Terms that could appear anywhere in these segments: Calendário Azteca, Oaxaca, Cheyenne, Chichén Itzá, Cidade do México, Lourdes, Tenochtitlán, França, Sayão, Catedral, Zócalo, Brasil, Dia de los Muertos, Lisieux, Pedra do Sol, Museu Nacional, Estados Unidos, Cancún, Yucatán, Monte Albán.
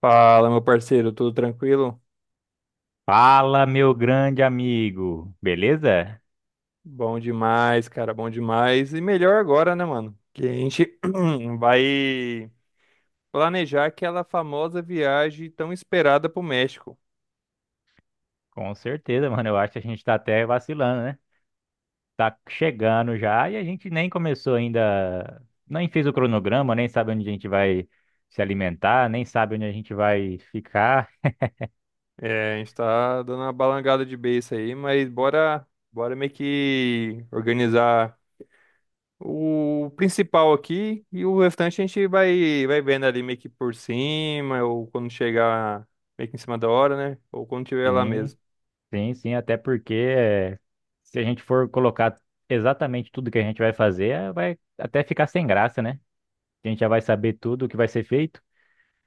Fala, meu parceiro, tudo tranquilo? Fala, meu grande amigo. Beleza? Bom demais, cara, bom demais. E melhor agora, né, mano? Que a gente vai planejar aquela famosa viagem tão esperada pro México. Com certeza, mano. Eu acho que a gente tá até vacilando, né? Tá chegando já e a gente nem começou ainda, nem fez o cronograma, nem sabe onde a gente vai se alimentar, nem sabe onde a gente vai ficar. É, a gente tá dando uma balangada de beiça aí, mas bora, bora meio que organizar o principal aqui e o restante a gente vai vendo ali meio que por cima, ou quando chegar meio que em cima da hora, né? Ou quando tiver lá Sim, mesmo. sim, sim. Até porque se a gente for colocar exatamente tudo que a gente vai fazer, vai até ficar sem graça, né? A gente já vai saber tudo o que vai ser feito.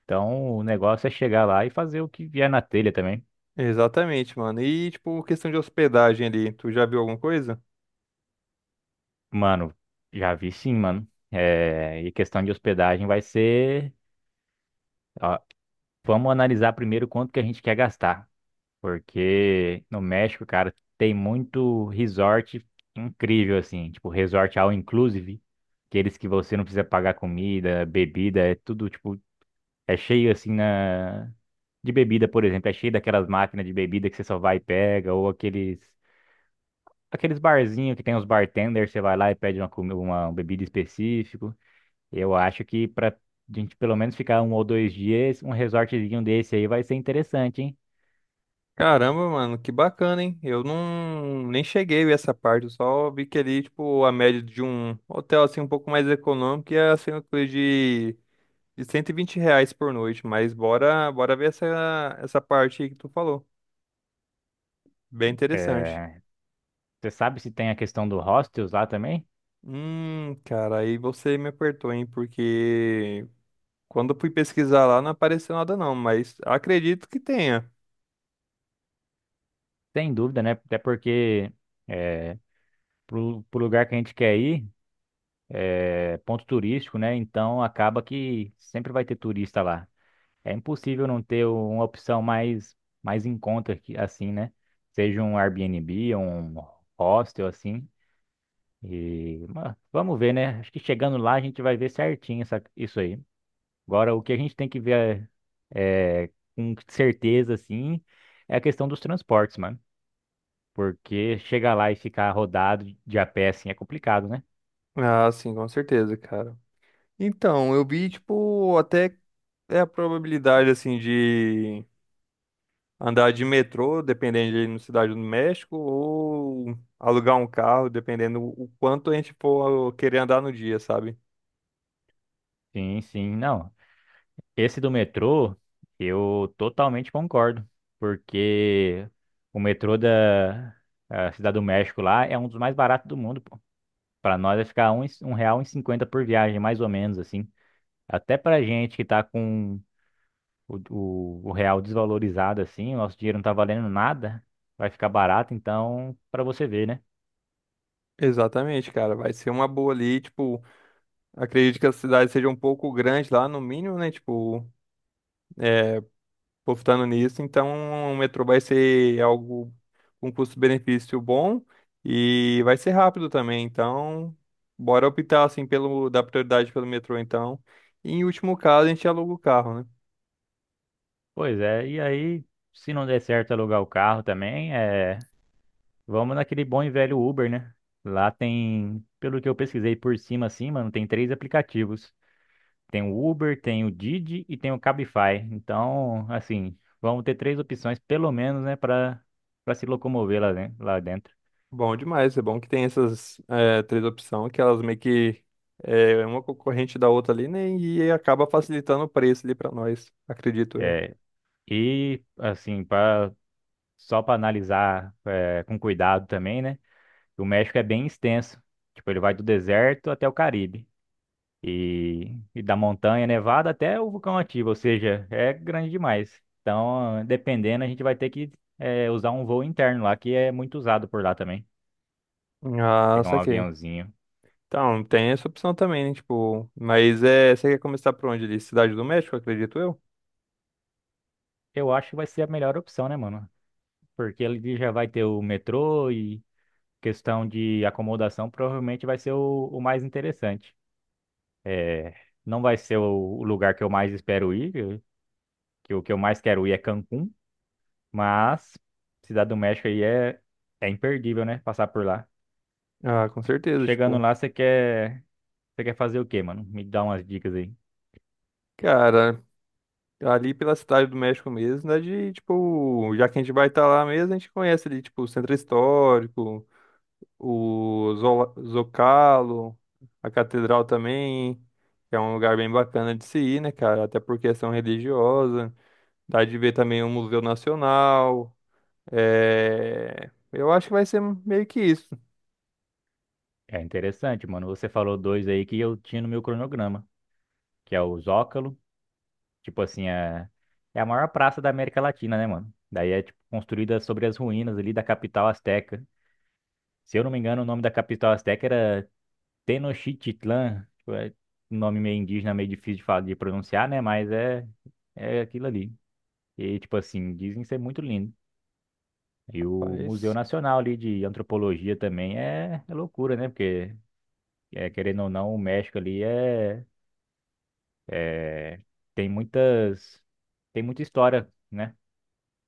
Então, o negócio é chegar lá e fazer o que vier na telha também. Exatamente, mano. E, tipo, questão de hospedagem ali, tu já viu alguma coisa? Mano, já vi sim, mano. É, e questão de hospedagem vai ser. Ó, vamos analisar primeiro quanto que a gente quer gastar. Porque no México, cara, tem muito resort incrível, assim. Tipo, resort all inclusive. Aqueles que você não precisa pagar comida, bebida, é tudo, tipo, é cheio assim na. De bebida, por exemplo, é cheio daquelas máquinas de bebida que você só vai e pega, ou aqueles. Aqueles barzinhos que tem os bartenders, você vai lá e pede uma bebida específica. Eu acho que para a gente pelo menos ficar um ou dois dias, um resortzinho desse aí vai ser interessante, hein? Caramba, mano, que bacana, hein? Eu não nem cheguei a ver essa parte, eu só vi que ali, tipo, a média de um hotel, assim, um pouco mais econômico ia ser uma coisa de R$ 120 por noite, mas bora, bora ver essa parte aí que tu falou. Bem interessante. É, você sabe se tem a questão do hostels lá também? Cara, aí você me apertou, hein? Porque quando eu fui pesquisar lá não apareceu nada não, mas acredito que tenha. Sem dúvida, né? Até porque é, pro lugar que a gente quer ir, é ponto turístico, né? Então acaba que sempre vai ter turista lá. É impossível não ter uma opção mais, mais em conta assim, né? Seja um Airbnb, um hostel assim. E, mas vamos ver, né? Acho que chegando lá a gente vai ver certinho isso aí. Agora, o que a gente tem que ver é, com certeza, assim, é a questão dos transportes, mano. Porque chegar lá e ficar rodado de a pé, assim, é complicado, né? Ah, sim, com certeza, cara. Então, eu vi, tipo, até é a probabilidade, assim, de andar de metrô, dependendo de ir na Cidade do México, ou alugar um carro, dependendo o quanto a gente for querer andar no dia, sabe? Sim, sim, não. Esse do metrô, eu totalmente concordo. Porque o metrô da a Cidade do México lá é um dos mais baratos do mundo, pô. Pra nós vai ficar R$ 1,50 por viagem, mais ou menos, assim. Até pra gente que tá com o real desvalorizado assim, o nosso dinheiro não tá valendo nada, vai ficar barato, então, pra você ver, né? Exatamente, cara. Vai ser uma boa ali, tipo, acredito que a cidade seja um pouco grande lá, no mínimo, né? Tipo, apostando nisso. Então, o metrô vai ser algo com custo-benefício bom e vai ser rápido também. Então, bora optar assim pelo dar prioridade pelo metrô então. E em último caso, a gente aluga o carro, né? Pois é, e aí, se não der certo alugar o carro também, é, vamos naquele bom e velho Uber, né? Lá tem, pelo que eu pesquisei por cima assim, mano, tem três aplicativos. Tem o Uber, tem o Didi e tem o Cabify. Então, assim, vamos ter três opções pelo menos, né, para se locomover lá, lá dentro. Bom demais, é bom que tem essas três opções que elas meio que é uma concorrente da outra ali, né? E acaba facilitando o preço ali pra nós, acredito eu. É, e assim, para só para analisar é, com cuidado também, né? O México é bem extenso. Tipo, ele vai do deserto até o Caribe. E da montanha nevada até o vulcão ativo, ou seja, é grande demais. Então, dependendo, a gente vai ter que usar um voo interno lá, que é muito usado por lá também. Ah, Pegar um saquei. aviãozinho. Então, tem essa opção também, né? Tipo, mas é, você quer começar por onde ali? Cidade do México, acredito eu? Eu acho que vai ser a melhor opção, né, mano? Porque ele já vai ter o metrô e questão de acomodação, provavelmente vai ser o mais interessante. É, não vai ser o lugar que eu mais espero ir, que o que eu mais quero ir é Cancún, mas Cidade do México aí é, é imperdível, né? Passar por lá. Ah, com certeza, Chegando tipo, lá, você quer fazer o quê, mano? Me dá umas dicas aí. cara, ali pela Cidade do México mesmo, né, de, tipo, já que a gente vai estar lá mesmo, a gente conhece ali, tipo, o Centro Histórico, o Zocalo, a Catedral também, que é um lugar bem bacana de se ir, né, cara, até por questão religiosa, dá de ver também o Museu Nacional, eu acho que vai ser meio que isso, É interessante, mano. Você falou dois aí que eu tinha no meu cronograma, que é o Zócalo, tipo assim, é, é a maior praça da América Latina, né, mano? Daí é tipo, construída sobre as ruínas ali da capital asteca. Se eu não me engano, o nome da capital asteca era Tenochtitlán, tipo, é um nome meio indígena, meio difícil de falar, de pronunciar, né? Mas é, é aquilo ali. E, tipo assim, dizem ser muito lindo. E o Museu mas, Nacional ali de Antropologia também é, é loucura, né? Porque, é, querendo ou não, o México ali é, é- tem muitas, tem muita história, né?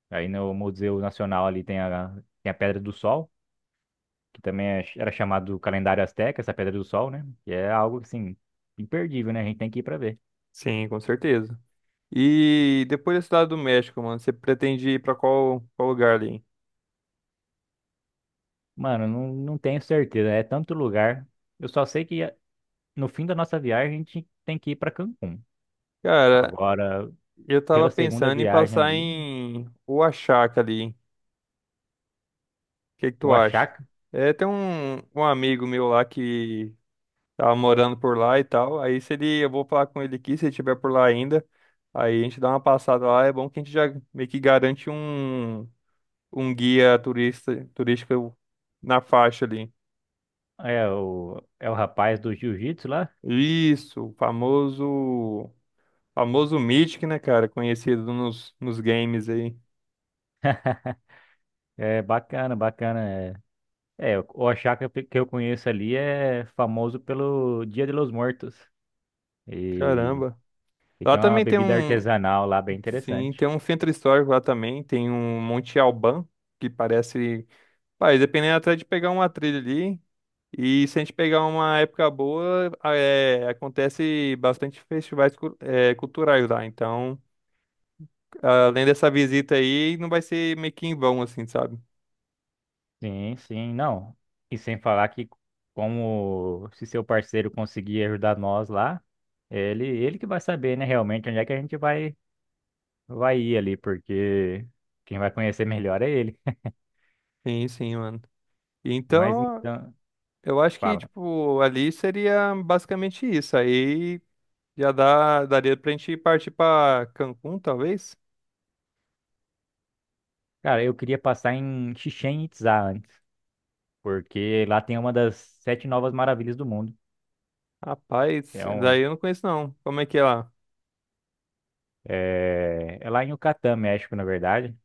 Aí no Museu Nacional ali tem tem a Pedra do Sol, que também era chamado Calendário Azteca, essa Pedra do Sol, né? Que é algo, assim, imperdível, né? A gente tem que ir pra ver. sim, com certeza. E depois da Cidade do México, mano, você pretende ir pra qual lugar ali? Mano, não, não tenho certeza. É tanto lugar. Eu só sei que no fim da nossa viagem a gente tem que ir para Cancún. Cara, Agora, eu tava pela segunda pensando em viagem passar ali, em Oaxaca ali. O que que tu o acha? Achaka É, tem um amigo meu lá que tava morando por lá e tal. Aí se ele, eu vou falar com ele aqui, se ele estiver por lá ainda. Aí a gente dá uma passada lá. É bom que a gente já meio que garante um guia turístico na faixa ali. é o, é o rapaz do jiu-jitsu lá. Isso, famoso Mythic, né, cara? Conhecido nos games aí. É bacana, bacana. É, é o Achaka que eu conheço ali é famoso pelo Dia de los Muertos. E, Caramba. e Lá tem uma também tem bebida artesanal lá bem sim, interessante. tem um centro histórico lá também, tem um Monte Alban, que parece. Pai, dependendo até de pegar uma trilha ali. E se a gente pegar uma época boa, acontece bastante festivais culturais lá. Então, além dessa visita aí, não vai ser meio que em vão, assim, sabe? Sim, sim, não. E sem falar que como se seu parceiro conseguir ajudar nós lá, ele que vai saber, né, realmente onde é que a gente vai ir ali, porque quem vai conhecer melhor é ele. Sim, sim, mano. Mas Então, então, eu acho que, fala. tipo, ali seria basicamente isso. Aí daria pra gente partir pra Cancún, talvez? Cara, eu queria passar em Chichén Itzá antes, porque lá tem uma das sete novas maravilhas do mundo. Rapaz, É daí eu não conheço não. Como é que é lá? Lá em Yucatán, México, na verdade.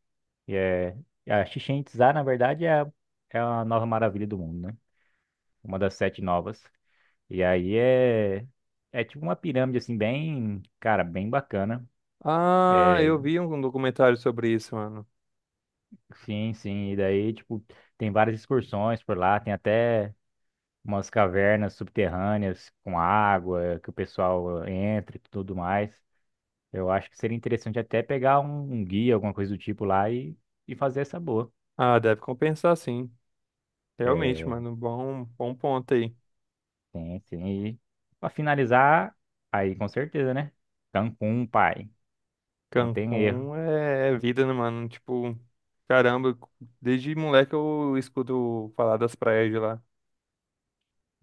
E é a Chichén Itzá, na verdade, é a nova maravilha do mundo, né? Uma das sete novas. E aí é, é tipo uma pirâmide, assim, bem, cara, bem bacana. Ah, É, eu vi um documentário sobre isso, mano. sim, sim. E daí, tipo, tem várias excursões por lá, tem até umas cavernas subterrâneas com água que o pessoal entra e tudo mais. Eu acho que seria interessante até pegar um guia, alguma coisa do tipo lá e fazer essa boa. Ah, deve compensar sim. Realmente, É, mano. Bom, bom ponto aí. sim, sim. E pra finalizar, aí com certeza, né? Cancún, pai. Não tem erro. Cancún é, é vida, né, mano? Tipo, caramba, desde moleque eu escuto falar das praias de lá.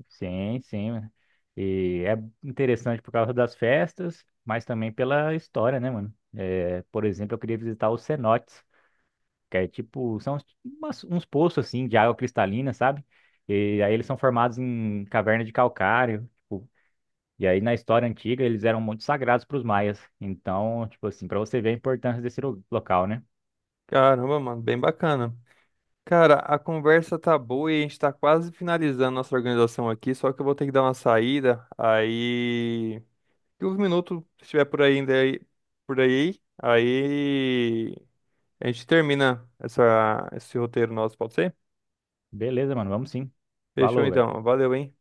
Sim, sim, mano. E é interessante por causa das festas, mas também pela história, né, mano? É, por exemplo, eu queria visitar os cenotes, que é tipo, são uns poços assim de água cristalina, sabe? E aí eles são formados em caverna de calcário, tipo, e aí na história antiga eles eram muito sagrados para os maias. Então, tipo assim, para você ver a importância desse local, né? Caramba, mano, bem bacana. Cara, a conversa tá boa e a gente tá quase finalizando nossa organização aqui, só que eu vou ter que dar uma saída. Aí, 15 minutos, se estiver por aí ainda aí, por aí, aí a gente termina esse roteiro nosso, pode ser? Beleza, mano, vamos sim. Fechou Falou, velho. então. Valeu, hein?